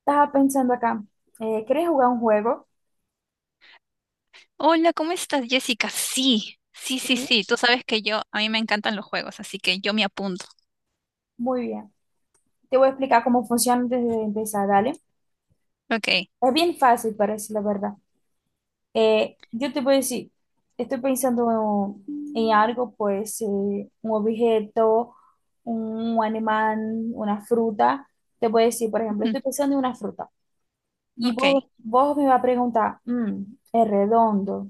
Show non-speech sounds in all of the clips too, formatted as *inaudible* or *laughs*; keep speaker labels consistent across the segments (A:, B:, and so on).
A: Estaba pensando acá, ¿querés jugar un juego?
B: Hola, ¿cómo estás, Jessica? Sí, sí,
A: Sí.
B: sí, sí. Tú sabes que yo, a mí me encantan los juegos, así que yo me apunto.
A: Muy bien. Te voy a explicar cómo funciona antes de empezar, dale.
B: Ok,
A: Es bien fácil, parece la verdad. Yo te voy a decir, estoy pensando en algo, pues, un objeto, un animal, una fruta. Te voy a decir, por ejemplo,
B: ujú,
A: estoy pensando en una fruta. Y
B: ok,
A: vos me vas a preguntar, ¿es redondo?,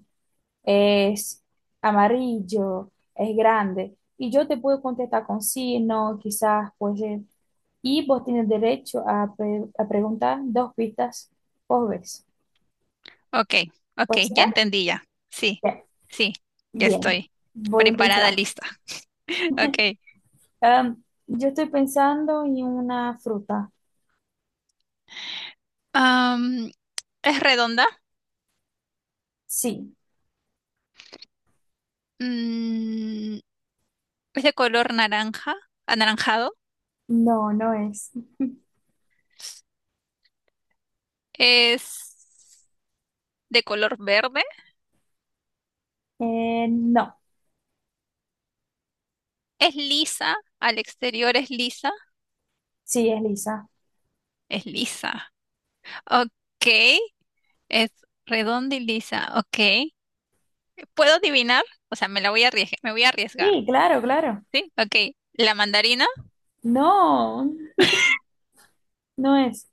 A: es amarillo, es grande. Y yo te puedo contestar con sí, no, quizás, pues, y vos tienes derecho a, a preguntar dos pistas por vez.
B: ok, ok,
A: ¿Puede
B: ya
A: ser?
B: entendí ya. Sí,
A: Bien.
B: sí, ya
A: Bien.
B: estoy
A: Voy a
B: preparada,
A: empezar.
B: lista. *laughs* Ok.
A: Yo estoy pensando en una fruta.
B: Am, ¿Es redonda?
A: Sí,
B: Mm, ¿Es de color naranja, anaranjado?
A: no, no es.
B: ¿Es de color verde?
A: No,
B: ¿Es lisa? ¿Al exterior es lisa?
A: sí, es lisa.
B: Es lisa. Ok. Es redonda y lisa, ok. ¿Puedo adivinar? O sea, me la voy a arriesgar, me voy a arriesgar,
A: Sí, claro, claro.
B: ¿sí? Ok. ¿La mandarina?
A: No, no es.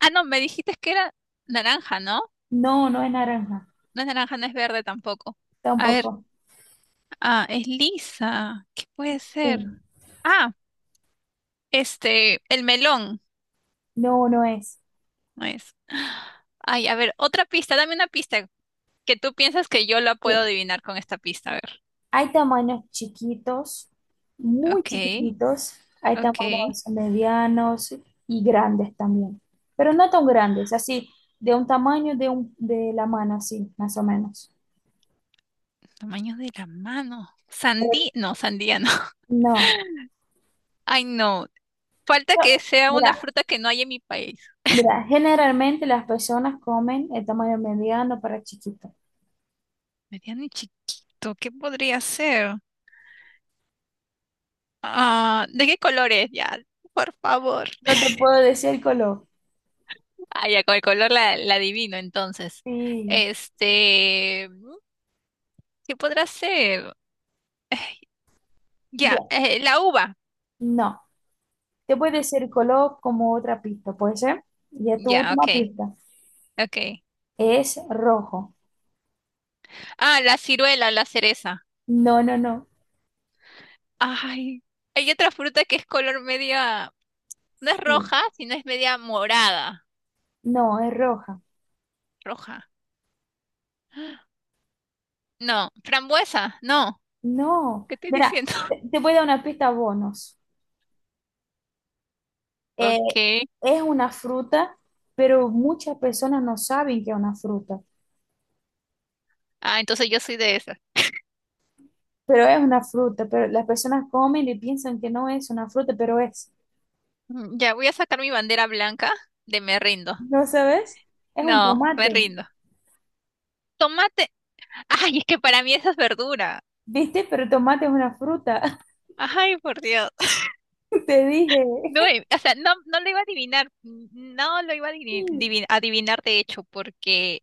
B: Ah, no, me dijiste que era naranja, ¿no?
A: No, no es naranja.
B: No es naranja, no es verde tampoco. A ver,
A: Tampoco.
B: ah, es lisa. ¿Qué puede ser?
A: Sí.
B: Ah, este, el melón,
A: No, no es.
B: no es. Ay, a ver, otra pista, dame una pista que tú piensas que yo la puedo
A: Sí.
B: adivinar con esta pista, a ver.
A: Hay tamaños chiquitos, muy
B: Ok,
A: chiquititos, hay
B: ok.
A: tamaños medianos y grandes también, pero no tan grandes, así, de un tamaño de, un, de la mano, así, más o menos.
B: Tamaño de la mano. Sandía, no, sandía no. *laughs*
A: No.
B: Ay, no. Falta
A: No,
B: que sea una
A: mira,
B: fruta que no hay en mi país.
A: mira, generalmente las personas comen el tamaño mediano para chiquito.
B: Mediano y chiquito, ¿qué podría ser? Ah, ¿de qué color es? Ya, por favor.
A: No te
B: *laughs*
A: puedo decir el color.
B: Ah, ya, con el color la adivino, entonces.
A: Sí.
B: Este, ¿qué podrá ser? Ya,
A: Bien,
B: la uva.
A: no. Te puedo
B: No,
A: decir el color como otra pista, ¿puede ser? Y tu
B: ya, ok,
A: última pista
B: ok.
A: es rojo.
B: Ah, la ciruela, la cereza.
A: No, no, no.
B: Ay, hay otra fruta que es color media, no es
A: Sí.
B: roja, sino es media morada.
A: No, es roja.
B: Roja. No, frambuesa, no.
A: No.
B: ¿Qué estoy
A: Mira,
B: diciendo? *laughs*
A: te voy a dar una pista bonus. Eh,
B: Ok,
A: es una fruta, pero muchas personas no saben que es una fruta.
B: ah, entonces yo soy de esas.
A: Pero es una fruta, pero las personas comen y piensan que no es una fruta, pero es.
B: Ya voy a sacar mi bandera blanca de me rindo.
A: ¿No sabes? Es un
B: No, me
A: tomate.
B: rindo. Tomate. Ay, es que para mí esa es verdura.
A: ¿Viste? Pero tomate es una fruta.
B: Ay, por Dios. *laughs*
A: *laughs* Te dije.
B: No, o sea, no, no lo iba a adivinar. No lo iba a
A: Sí.
B: adivinar, de hecho, porque,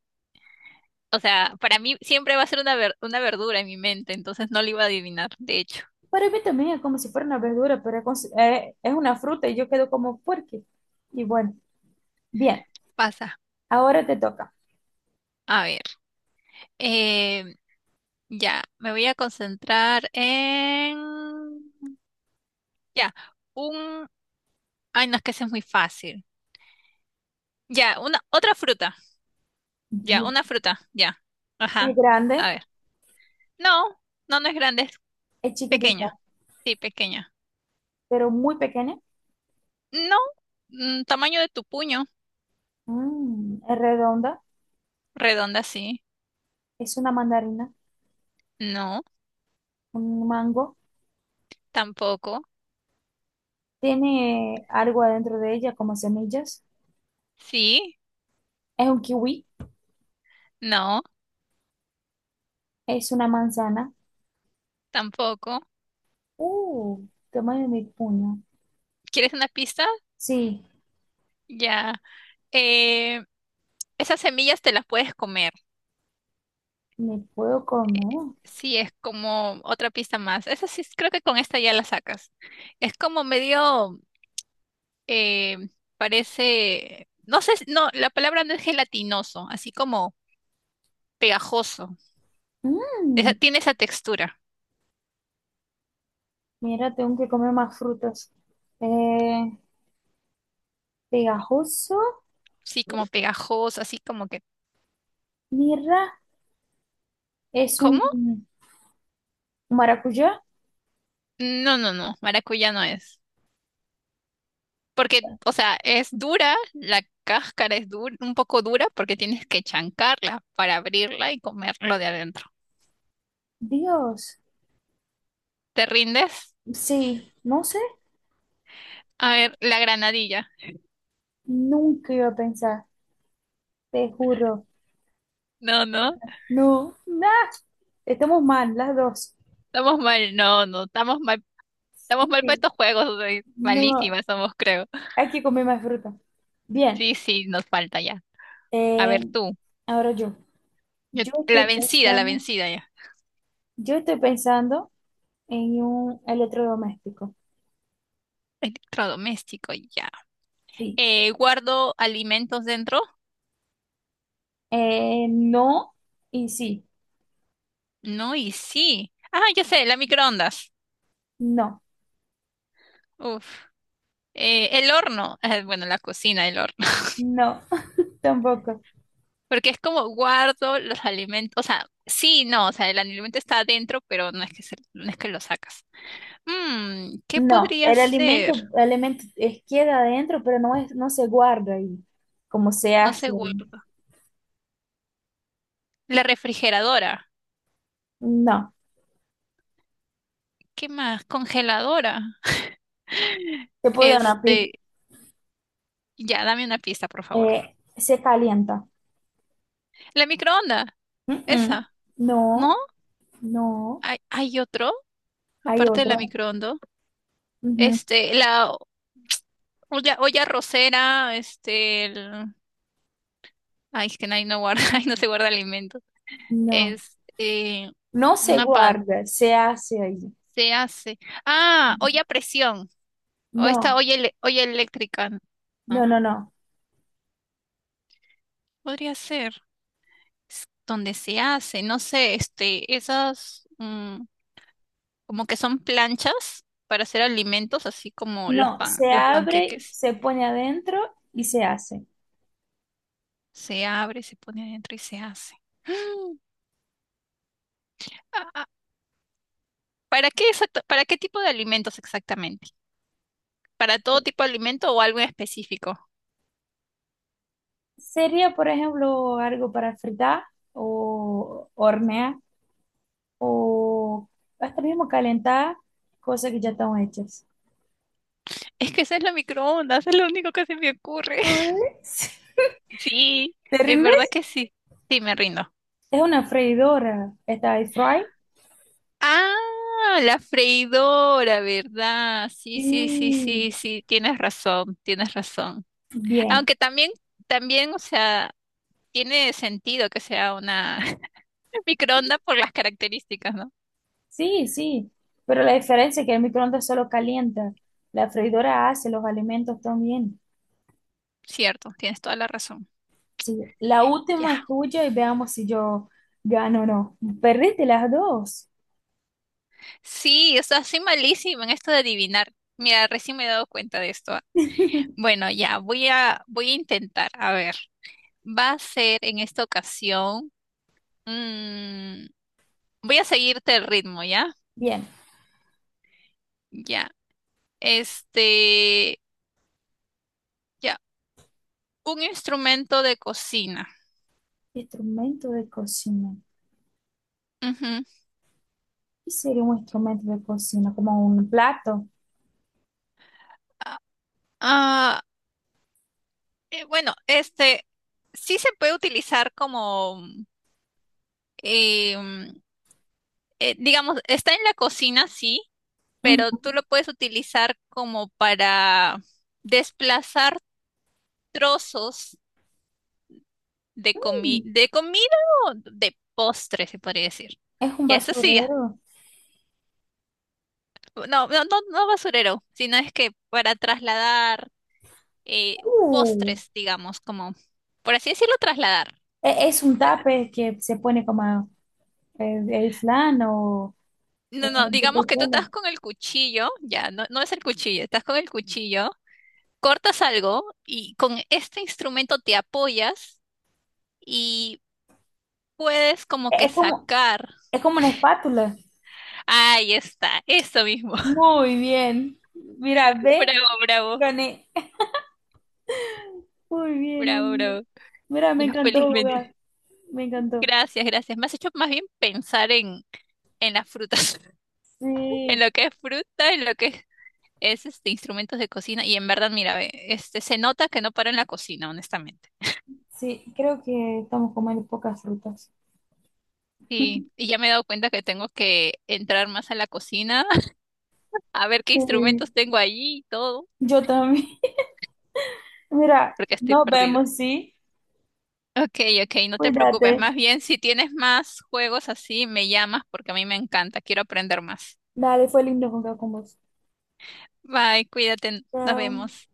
B: o sea, para mí siempre va a ser una, una verdura en mi mente, entonces no lo iba a adivinar, de hecho.
A: Para mí también es como si fuera una verdura, pero es, es una fruta y yo quedo como, ¿por qué? Y bueno, bien,
B: Pasa.
A: ahora te toca.
B: A ver. em, ya, me voy a concentrar en... ya, un... Ay, no, es que ese es muy fácil. Ya, una, otra fruta. Ya, una fruta. Ya.
A: Es
B: Ajá.
A: grande,
B: A ver. No, no, no es grande, es
A: es chiquitita,
B: pequeña. Sí, pequeña.
A: pero muy pequeña.
B: No, tamaño de tu puño.
A: Mm, es redonda,
B: Redonda, sí.
A: es una mandarina,
B: No,
A: un mango.
B: tampoco.
A: Tiene algo adentro de ella como semillas.
B: Sí,
A: Es un kiwi,
B: no,
A: es una manzana.
B: tampoco.
A: Uh, tamaño de mi puño.
B: ¿Quieres una pista?
A: Sí,
B: Ya. Eh, esas semillas te las puedes comer.
A: me puedo comer.
B: Sí, es como otra pista más. Esa sí, creo que con esta ya la sacas. Es como medio eh, parece, no sé, no, la palabra no es gelatinoso, así como pegajoso.
A: Mm,
B: Tiene esa textura,
A: mira, tengo que comer más frutas. Eh, Pegajoso,
B: sí, como pegajoso, así como que,
A: mira, es
B: ¿cómo?
A: un maracuyá.
B: No, no, no, maracuyá no es. Porque, o sea, es dura, la cáscara es dura, un poco dura porque tienes que chancarla para abrirla y comerlo de adentro.
A: Dios,
B: ¿Te rindes?
A: sí, no sé,
B: A ver, la granadilla.
A: nunca iba a pensar. Te juro.
B: No, no,
A: No, nada. Estamos mal, las dos.
B: estamos mal, no, no, estamos
A: Sí,
B: mal para
A: sí
B: estos juegos, o sea,
A: no,
B: malísimas somos, creo.
A: hay que comer más fruta. Bien,
B: Sí, sí, nos falta ya. A
A: eh,
B: ver tú,
A: ahora yo. Yo estoy
B: La
A: pensando,
B: vencida ya.
A: yo estoy pensando en un electrodoméstico.
B: Electrodoméstico, ya.
A: Sí.
B: ¿Guardo alimentos dentro?
A: No y sí.
B: No, y sí. Ah, ya sé, la microondas.
A: No,
B: Uf. El horno, bueno, la cocina, el horno. *laughs*
A: no, *laughs* tampoco.
B: Porque es como guardo los alimentos, o sea, sí, no, o sea, el alimento está adentro, pero no es que, no es que lo sacas. ¿Qué
A: No,
B: podría
A: el
B: ser?
A: alimento, alimento es, queda adentro, pero no es, no se guarda ahí, como se
B: No sé,
A: hace.
B: guardo.
A: Ahí.
B: La refrigeradora.
A: No,
B: ¿Qué más? Congeladora. *laughs*
A: te puedo dar una pista.
B: Este, ya, dame una pista, por favor.
A: Se calienta.
B: La microonda,
A: Mm-mm.
B: esa, ¿no?
A: No, no,
B: ¿Hay, hay otro,
A: hay
B: aparte de la
A: otro.
B: microonda?
A: Ujú.
B: Este, la olla, olla arrocera, este, el... Ay, es que ahí no guarda, *laughs* ahí no se guarda alimentos.
A: No,
B: Este,
A: no se
B: una pan,
A: guarda, se hace ahí.
B: se hace. Ah, olla a presión, o esta
A: No,
B: olla, olla eléctrica, ¿no?
A: no, no, no.
B: Podría ser, es donde se hace, no sé, este, esas... como que son planchas para hacer alimentos, así como los
A: No,
B: pan,
A: se
B: los
A: abre,
B: panqueques.
A: se pone adentro y se hace.
B: Se abre, se pone adentro y se hace. *gasps* ¡Ah! Ah, ¿para qué exacto? ¿Para qué tipo de alimentos exactamente? ¿Para todo tipo de alimento o algo en específico?
A: Sería, por ejemplo, algo para fritar o hornear o hasta mismo calentar cosas que ya están hechas.
B: Es que esa es la microondas, es lo único que se me ocurre. *laughs*
A: Ay, sí.
B: Sí,
A: ¿Te
B: en verdad
A: rindes?
B: que sí. Sí, me rindo.
A: Es una freidora. ¿Está ahí fry?
B: Ah, la freidora, ¿verdad? Sí,
A: Sí.
B: sí, sí, sí, sí, tienes razón, tienes razón.
A: Bien.
B: Aunque también, también, o sea, tiene sentido que sea una *laughs* microonda por las características, ¿no?
A: Sí, sí, pero la diferencia es que el microondas solo calienta, la freidora hace los alimentos también.
B: Cierto, tienes toda la razón.
A: Sí, la última es
B: Ya.
A: tuya y veamos si yo gano o no. Perdiste las dos.
B: Sí, o sea, soy malísima en esto de adivinar. Mira, recién me he dado cuenta de esto. Bueno, ya, voy a, voy a intentar. A ver, va a ser en esta ocasión. mm, voy a seguirte el ritmo, ¿ya?
A: Bien,
B: Ya. Este, ya, un instrumento de cocina.
A: instrumento de cocina.
B: Ujú.
A: ¿Qué sería un instrumento de cocina? Como un plato.
B: Ah, eh, bueno, este sí se puede utilizar como, eh, mm, digamos, está en la cocina, sí, pero
A: Ujú.
B: tú lo puedes utilizar como para desplazar trozos de
A: Mm,
B: de comida o de postre, se podría decir.
A: es un
B: Ya, eso sí, ya.
A: basurero.
B: No, no, no, no basurero, sino es que para trasladar eh,
A: Uh,
B: postres, digamos, como, por así decirlo, trasladar.
A: es un tape que se pone como el flan
B: No,
A: o
B: no,
A: de
B: digamos que tú
A: cualquiera.
B: estás con el cuchillo, ya, no, no es el cuchillo, estás con el cuchillo, cortas algo y con este instrumento te apoyas y puedes como
A: E,
B: que
A: Es como,
B: sacar.
A: es como una espátula.
B: Ahí está, eso mismo. *laughs*
A: Muy bien. Mira, ve,
B: Bravo, bravo,
A: gané. Muy bien, muy
B: bravo, bravo.
A: bien. Mira, me
B: Ya,
A: encantó
B: felizmente.
A: jugar. Me encantó.
B: Gracias, gracias. Me has hecho más bien pensar en las frutas, *laughs* en
A: Sí,
B: lo que es fruta, en lo que es, este, instrumentos de cocina. Y en verdad, mira, ve, este, se nota que no paro en la cocina, honestamente.
A: sí, creo que estamos comiendo pocas frutas.
B: Sí, y
A: *laughs*
B: ya me he dado cuenta que tengo que entrar más a la cocina, *laughs* a ver qué
A: Sí,
B: instrumentos tengo allí y todo,
A: yo
B: *laughs*
A: también. Mira,
B: porque estoy
A: nos
B: perdida.
A: vemos, ¿sí?
B: Ok, ok, no te preocupes.
A: Cuídate.
B: Más bien, si tienes más juegos así, me llamas porque a mí me encanta. Quiero aprender más.
A: Dale, fue lindo jugar con vos.
B: Bye, cuídate, nos
A: Chao.
B: vemos.